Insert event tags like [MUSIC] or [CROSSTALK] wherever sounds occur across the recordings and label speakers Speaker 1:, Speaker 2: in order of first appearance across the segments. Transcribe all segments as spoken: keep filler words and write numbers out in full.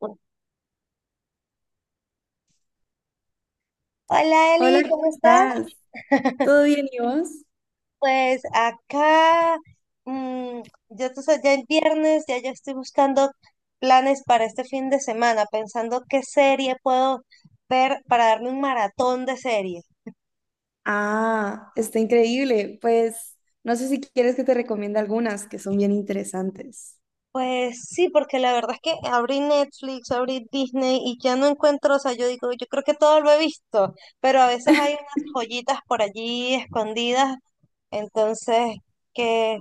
Speaker 1: Hola
Speaker 2: Hola,
Speaker 1: Eli,
Speaker 2: ¿cómo
Speaker 1: ¿cómo estás?
Speaker 2: estás? ¿Todo bien y vos?
Speaker 1: Pues acá, mm, yo tú sabes, ya es viernes, ya yo estoy buscando planes para este fin de semana, pensando qué serie puedo ver para darme un maratón de series.
Speaker 2: Ah, está increíble. Pues no sé si quieres que te recomiende algunas que son bien interesantes.
Speaker 1: Pues sí, porque la verdad es que abrí Netflix, abrí Disney y ya no encuentro, o sea, yo digo, yo creo que todo lo he visto, pero a veces hay unas joyitas por allí escondidas, entonces, ¿qué,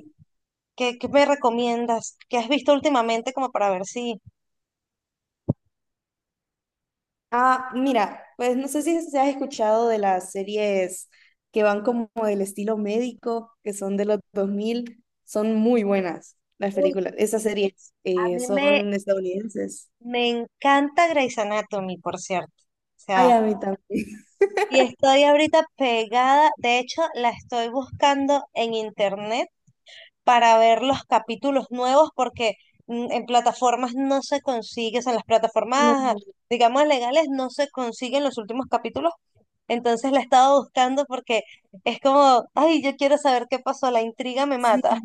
Speaker 1: qué, qué me recomiendas? ¿Qué has visto últimamente como para ver si...
Speaker 2: Ah, mira, pues no sé si has si has escuchado de las series que van como del estilo médico, que son de los dos mil, son muy buenas las
Speaker 1: Uy,
Speaker 2: películas. Esas series
Speaker 1: a
Speaker 2: eh,
Speaker 1: mí me,
Speaker 2: son estadounidenses.
Speaker 1: me encanta Grey's Anatomy, por cierto. O
Speaker 2: Ay,
Speaker 1: sea,
Speaker 2: a mí también.
Speaker 1: y estoy ahorita pegada, de hecho, la estoy buscando en internet para ver los capítulos nuevos porque mm, en plataformas no se consigue, o sea, en las
Speaker 2: [LAUGHS]
Speaker 1: plataformas, digamos, legales no se consiguen los últimos capítulos. Entonces la he estado buscando porque es como, ay, yo quiero saber qué pasó, la intriga me
Speaker 2: Sí,
Speaker 1: mata.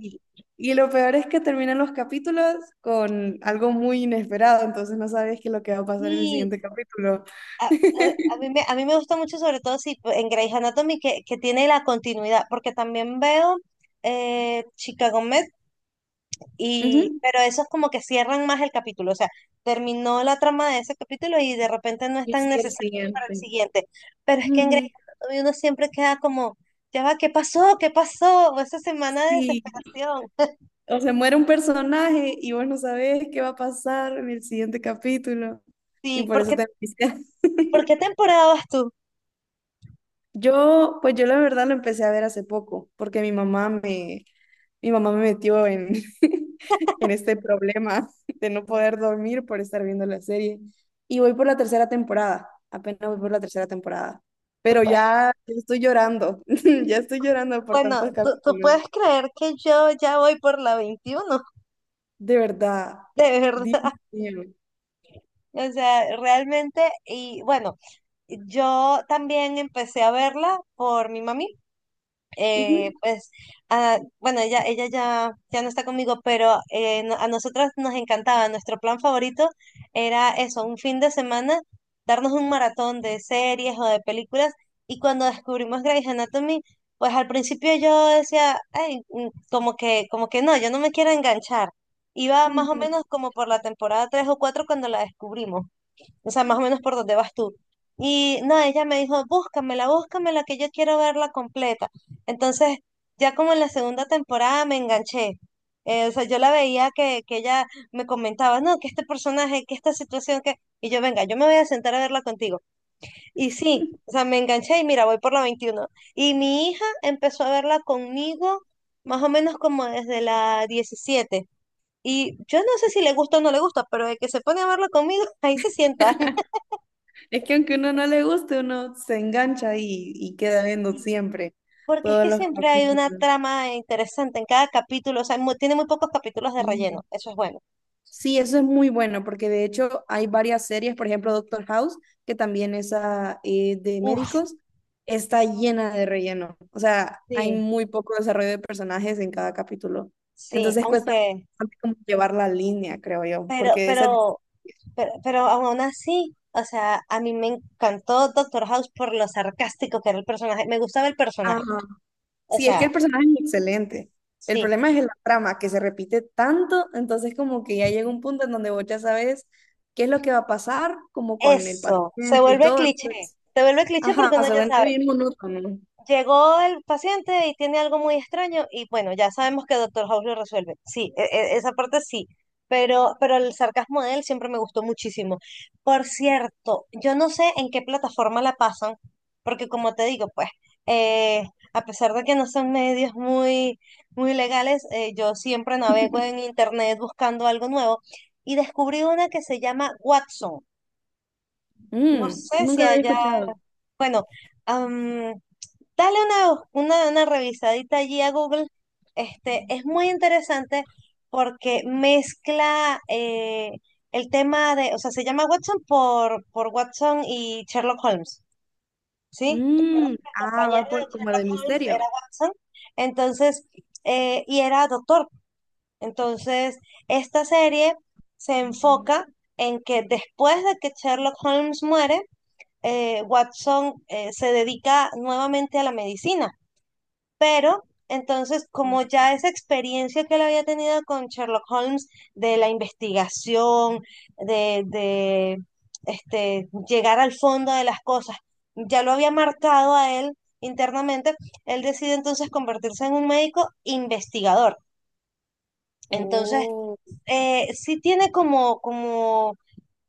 Speaker 2: y lo peor es que terminan los capítulos con algo muy inesperado, entonces no sabes qué es lo que va a pasar en el
Speaker 1: Y
Speaker 2: siguiente capítulo.
Speaker 1: A, a- a mí
Speaker 2: [LAUGHS]
Speaker 1: me, a mí me gusta mucho, sobre todo si pues, en Grey's Anatomy, que, que tiene la continuidad, porque también veo eh, Chicago Med, y,
Speaker 2: Ujú.
Speaker 1: pero esos como que cierran más el capítulo, o sea, terminó la trama de ese capítulo y de repente no es
Speaker 2: Y
Speaker 1: tan
Speaker 2: sigue el
Speaker 1: necesario para el
Speaker 2: siguiente.
Speaker 1: siguiente. Pero es que en Grey's
Speaker 2: Ujú.
Speaker 1: Anatomy uno siempre queda como, ya va, ¿qué pasó? ¿Qué pasó? O esa semana de
Speaker 2: Sí,
Speaker 1: desesperación. [LAUGHS]
Speaker 2: o se muere un personaje y vos no sabés qué va a pasar en el siguiente capítulo, y
Speaker 1: Sí,
Speaker 2: por eso
Speaker 1: porque,
Speaker 2: te [LAUGHS] envicias.
Speaker 1: ¿y por qué temporada vas tú?
Speaker 2: Yo, pues yo la verdad lo empecé a ver hace poco, porque mi mamá me, mi mamá me metió en, [LAUGHS] en este problema de no poder dormir por estar viendo la serie. Y voy por la tercera temporada, apenas voy por la tercera temporada.
Speaker 1: Tú
Speaker 2: Pero
Speaker 1: puedes-
Speaker 2: ya, ya estoy llorando, [LAUGHS] ya estoy llorando por
Speaker 1: bueno,
Speaker 2: tantos
Speaker 1: tú, tú
Speaker 2: capítulos.
Speaker 1: puedes creer que yo ya voy por la veintiuno
Speaker 2: De verdad,
Speaker 1: [LAUGHS] de
Speaker 2: Dios
Speaker 1: verdad.
Speaker 2: mío.
Speaker 1: O sea, realmente, y bueno, yo también empecé a verla por mi mami.
Speaker 2: Ujú,
Speaker 1: eh, pues, ah, bueno, ella, ella ya, ya no está conmigo, pero eh, no- a nosotros nos encantaba. Nuestro plan favorito era eso, un fin de semana, darnos un maratón de series o de películas. Y cuando descubrimos Grey's Anatomy, pues al principio yo decía, ay, mm, como que, como que no, yo no me quiero enganchar. Iba más o
Speaker 2: ujú.
Speaker 1: menos como por la temporada tres o cuatro cuando la descubrimos. O sea, más o menos por dónde vas tú. Y no, ella me dijo, búscamela, búscamela, que yo quiero verla completa. Entonces, ya como en la segunda temporada me enganché. Eh, o sea, yo la veía que, que ella me comentaba, no, que este personaje, que esta situación, que... Y yo, venga, yo me voy a sentar a verla contigo. Y sí, o sea, me enganché y mira, voy por la veintiuno. Y mi hija empezó a verla conmigo más o menos como desde la diecisiete. Y yo no sé si le gusta o no le gusta, pero de que se pone a verla conmigo, [LAUGHS] ahí se sienta.
Speaker 2: [LAUGHS] Es que aunque uno no le guste, uno se engancha y, y queda viendo siempre
Speaker 1: Porque es
Speaker 2: todos
Speaker 1: que
Speaker 2: los
Speaker 1: siempre hay una
Speaker 2: capítulos.
Speaker 1: trama interesante en cada capítulo, o sea, mu- tiene muy pocos capítulos de relleno,
Speaker 2: Sí.
Speaker 1: eso es bueno.
Speaker 2: Sí, eso es muy bueno, porque de hecho hay varias series, por ejemplo Doctor House, que también es ah, eh, de
Speaker 1: Uf,
Speaker 2: médicos, está llena de relleno. O sea, hay
Speaker 1: sí,
Speaker 2: muy poco desarrollo de personajes en cada capítulo.
Speaker 1: sí,
Speaker 2: Entonces cuesta
Speaker 1: aunque,
Speaker 2: bastante como llevar la línea, creo yo,
Speaker 1: pero,
Speaker 2: porque esa...
Speaker 1: pero, pero, pero aún así, o sea, a mí me encantó Doctor House por lo sarcástico que era el personaje, me gustaba el
Speaker 2: Ajá.
Speaker 1: personaje, o
Speaker 2: Sí, es
Speaker 1: sea,
Speaker 2: que el personaje es excelente. El
Speaker 1: sí,
Speaker 2: problema es la trama, que se repite tanto, entonces como que ya llega un punto en donde vos ya sabes qué es lo que va a pasar, como con el
Speaker 1: eso, se
Speaker 2: paciente y
Speaker 1: vuelve
Speaker 2: todo.
Speaker 1: cliché, se vuelve cliché
Speaker 2: Ajá,
Speaker 1: porque uno
Speaker 2: se
Speaker 1: ya
Speaker 2: vuelve
Speaker 1: sabe.
Speaker 2: bien monótono.
Speaker 1: Llegó el paciente y tiene algo muy extraño y bueno, ya sabemos que Doctor House lo resuelve. Sí, e- e- esa parte sí, pero, pero el sarcasmo de él siempre me gustó muchísimo. Por cierto, yo no sé en qué plataforma la pasan, porque como te digo, pues, eh, a pesar de que no son medios muy, muy legales, eh, yo siempre navego en internet buscando algo nuevo y descubrí una que se llama Watson. No
Speaker 2: Mm,
Speaker 1: sé
Speaker 2: nunca
Speaker 1: si
Speaker 2: lo había
Speaker 1: allá,
Speaker 2: escuchado.
Speaker 1: bueno, dale una, una, una revisadita allí a Google. Este, es muy interesante porque mezcla eh, el tema de, o sea, se llama Watson por, por Watson y Sherlock Holmes, ¿sí? Recuerda
Speaker 2: Mm,
Speaker 1: que el
Speaker 2: ah,
Speaker 1: compañero
Speaker 2: va
Speaker 1: de
Speaker 2: por como de
Speaker 1: Sherlock Holmes
Speaker 2: misterio.
Speaker 1: era Watson, entonces, eh, y era doctor. Entonces, esta serie se
Speaker 2: Mm.
Speaker 1: enfoca en que después de que Sherlock Holmes muere, eh, Watson eh, se dedica nuevamente a la medicina. Pero entonces, como ya esa experiencia que él había tenido con Sherlock Holmes de la investigación, de, de este, llegar al fondo de las cosas, ya lo había marcado a él internamente, él decide entonces convertirse en un médico investigador. Entonces,
Speaker 2: Oh.
Speaker 1: eh, sí tiene como, como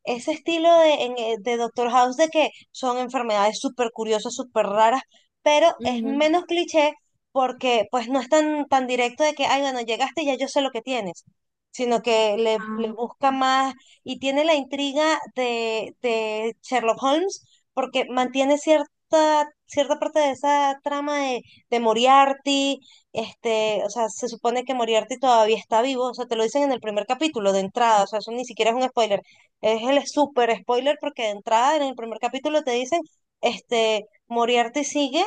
Speaker 1: ese estilo de, en, eh, de Doctor House, de que son enfermedades súper curiosas, súper raras, pero es
Speaker 2: Ujú.
Speaker 1: menos cliché porque pues no es tan, tan directo de que, ay, bueno, llegaste y ya yo sé lo que tienes, sino que le, le
Speaker 2: Ah,
Speaker 1: busca más y tiene la intriga de, de Sherlock Holmes porque mantiene cierta, cierta parte de esa trama de, de Moriarty, este, o sea, se supone que Moriarty todavía está vivo, o sea, te lo dicen en el primer capítulo de entrada, o sea, eso ni siquiera es un spoiler, es el super spoiler porque de entrada en el primer capítulo te dicen, este, Moriarty sigue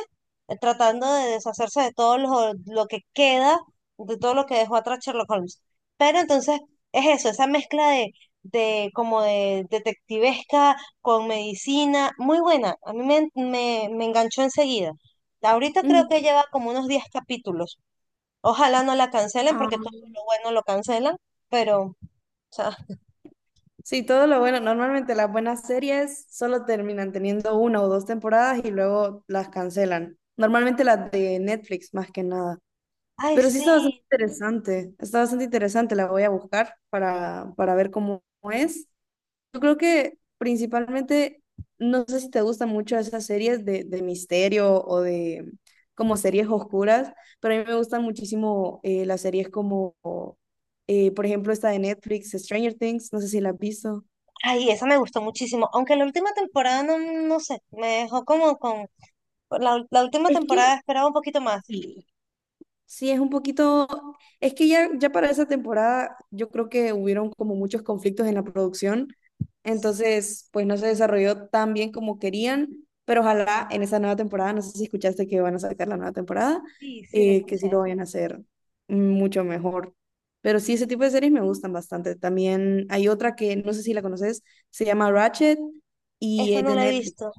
Speaker 1: eh, tratando de deshacerse de todo lo, lo que queda, de todo lo que dejó atrás Sherlock Holmes. Pero entonces es eso, esa mezcla de, de como de detectivesca con medicina, muy buena. A mí me, me, me enganchó enseguida. Ahorita creo
Speaker 2: ujú,
Speaker 1: que lleva como unos diez capítulos. Ojalá no la cancelen
Speaker 2: ah.
Speaker 1: porque todo lo bueno lo cancelan, pero, o sea,
Speaker 2: Sí, todo lo bueno. Normalmente las buenas series solo terminan teniendo una o dos temporadas y luego las cancelan. Normalmente las de Netflix, más que nada.
Speaker 1: ay,
Speaker 2: Pero sí está bastante
Speaker 1: sí.
Speaker 2: interesante. Está bastante interesante. La voy a buscar para, para ver cómo es. Yo creo que principalmente, no sé si te gustan mucho esas series de, de misterio o de como series oscuras, pero a mí me gustan muchísimo eh, las series como, eh, por ejemplo, esta de Netflix, Stranger Things, no sé si la has visto.
Speaker 1: Ay, esa me gustó muchísimo, aunque la última temporada no, no sé, me dejó como con... La, ul- la última
Speaker 2: Es que
Speaker 1: temporada esperaba un poquito más.
Speaker 2: sí, sí, es un poquito, es que ya, ya para esa temporada yo creo que hubieron como muchos conflictos en la producción, entonces pues no se desarrolló tan bien como querían, pero ojalá en esa nueva temporada, no sé si escuchaste que van a sacar la nueva temporada,
Speaker 1: Sí, sí, la
Speaker 2: eh, que
Speaker 1: escuché.
Speaker 2: sí lo vayan a hacer mucho mejor. Pero sí, ese tipo de series me gustan bastante. También hay otra que no sé si la conoces, se llama Ratchet y
Speaker 1: Esa
Speaker 2: es
Speaker 1: no
Speaker 2: de
Speaker 1: la he
Speaker 2: Netflix.
Speaker 1: visto.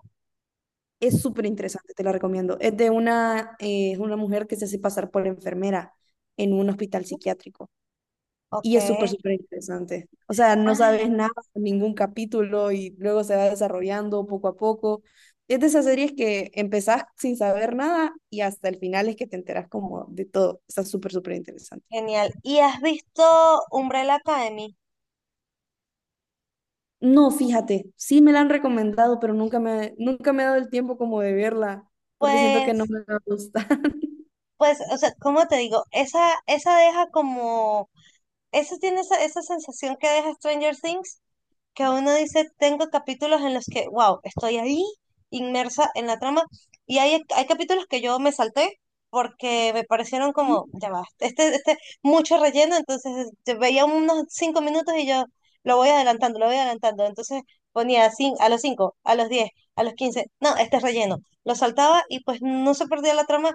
Speaker 2: Es súper interesante, te la recomiendo. Es de una, eh, es una mujer que se hace pasar por enfermera en un hospital psiquiátrico.
Speaker 1: Ok.
Speaker 2: Y es súper, súper interesante. O sea, no sabes
Speaker 1: Ay,
Speaker 2: nada, ningún capítulo y luego se va desarrollando poco a poco. Es de esas series que empezás sin saber nada y hasta el final es que te enteras como de todo. Está súper, súper interesante.
Speaker 1: genial. ¿Y has visto Umbrella Academy?
Speaker 2: No, fíjate, sí me la han recomendado, pero nunca me, nunca me he dado el tiempo como de verla porque siento que no
Speaker 1: Pues,
Speaker 2: me va a gustar.
Speaker 1: pues, o sea, ¿cómo te digo? Esa, esa deja como, esa tiene esa, esa sensación que deja Stranger Things, que uno dice, tengo capítulos en los que, wow, estoy ahí inmersa en la trama y hay, hay capítulos que yo me salté porque me parecieron como,
Speaker 2: [LAUGHS]
Speaker 1: ya va, este, este, mucho relleno, entonces yo veía unos cinco minutos y yo lo voy adelantando, lo voy adelantando, entonces ponía cin- a los cinco, a los diez, a los quince, no, este es relleno, lo saltaba y pues no se perdía la trama,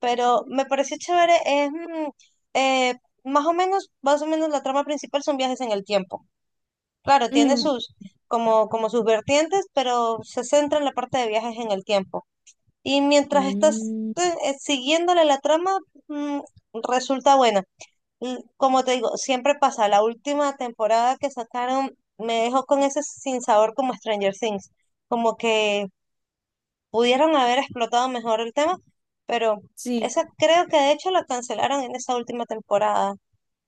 Speaker 1: pero me pareció chévere, es... mm, eh, más o menos, más o menos la trama principal son viajes en el tiempo. Claro, tiene
Speaker 2: Mm.
Speaker 1: sus, como, como sus vertientes, pero se centra en la parte de viajes en el tiempo. Y mientras estás
Speaker 2: Mm.
Speaker 1: eh, eh, siguiéndole la trama, mm, resulta buena. L- Como te digo, siempre pasa. La última temporada que sacaron me dejó con ese sinsabor como Stranger Things. Como que pudieron haber explotado mejor el tema, pero
Speaker 2: Sí,
Speaker 1: esa creo que de hecho la cancelaron en esa última temporada. O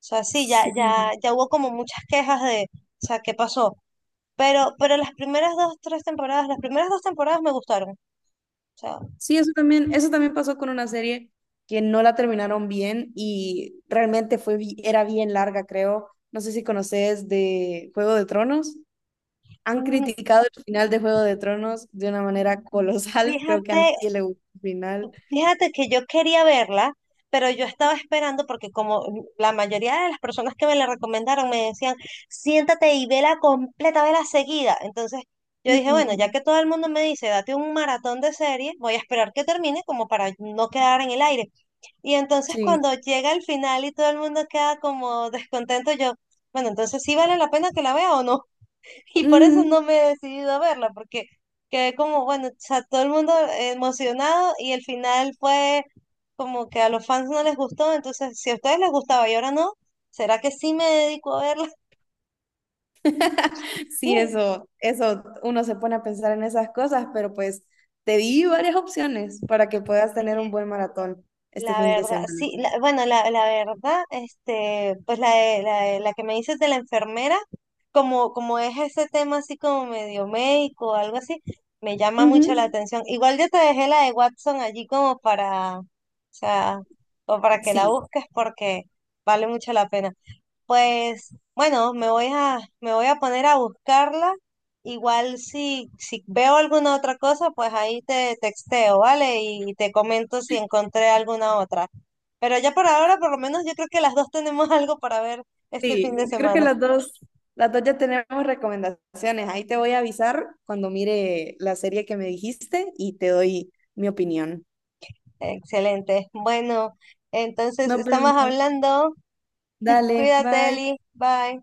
Speaker 1: sea, sí, ya, ya,
Speaker 2: sí,
Speaker 1: ya hubo como muchas quejas de, o sea, ¿qué pasó? Pero, pero las primeras dos, tres temporadas, las primeras dos temporadas me gustaron. O sea,
Speaker 2: sí, eso también, eso también pasó con una serie que no la terminaron bien y realmente fue, bi- era bien larga, creo. No sé si conoces de Juego de Tronos. Han
Speaker 1: mm,
Speaker 2: criticado el final de Juego de Tronos de una manera colosal. [LAUGHS] Creo que a nadie
Speaker 1: fíjate,
Speaker 2: le gustó el final.
Speaker 1: fíjate que yo quería verla, pero yo estaba esperando porque como la mayoría de las personas que me la recomendaron me decían, siéntate y vela completa, vela seguida. Entonces yo dije, bueno, ya que
Speaker 2: Ujú.
Speaker 1: todo el mundo me dice, date un maratón de serie, voy a esperar que termine como para no quedar en el aire. Y entonces
Speaker 2: Sí.
Speaker 1: cuando llega el final y todo el mundo queda como descontento, yo, bueno, entonces sí vale la pena que la vea o no. Y por eso
Speaker 2: Ujú.
Speaker 1: no me he decidido a verla, porque quedé como, bueno, o sea, todo el mundo emocionado y el final fue como que a los fans no les gustó, entonces si a ustedes les gustaba y ahora no, ¿será que sí me dedico a verla? [LAUGHS]
Speaker 2: [LAUGHS] Sí,
Speaker 1: Sí.
Speaker 2: eso, eso, uno se pone a pensar en esas cosas, pero pues te di varias opciones para que puedas tener un
Speaker 1: Oye,
Speaker 2: buen maratón este
Speaker 1: la
Speaker 2: fin de
Speaker 1: verdad,
Speaker 2: semana.
Speaker 1: sí, la- bueno, la, la verdad, este, pues la, de- la, de- la que me dices de la enfermera, como, como es ese tema así como medio médico o algo así, me llama
Speaker 2: Ujú.
Speaker 1: mucho la atención. Igual yo te dejé la de Watson allí como para, o sea, o para que la
Speaker 2: Sí,
Speaker 1: busques porque vale mucho la pena. Pues bueno, me voy a, me voy a poner a buscarla. Igual si, si veo alguna otra cosa, pues ahí te texteo, ¿vale? Y te comento si encontré alguna otra. Pero ya por ahora, por lo menos yo creo que las dos tenemos [LAUGHS] algo para ver este fin
Speaker 2: sí,
Speaker 1: de
Speaker 2: yo creo que
Speaker 1: semana.
Speaker 2: las dos, las dos ya tenemos recomendaciones. Ahí te voy a avisar cuando mire la serie que me dijiste y te doy mi opinión.
Speaker 1: Excelente. Bueno, entonces
Speaker 2: Nos
Speaker 1: estamos
Speaker 2: vemos.
Speaker 1: hablando.
Speaker 2: Dale,
Speaker 1: Cuídate,
Speaker 2: bye.
Speaker 1: Eli. Bye.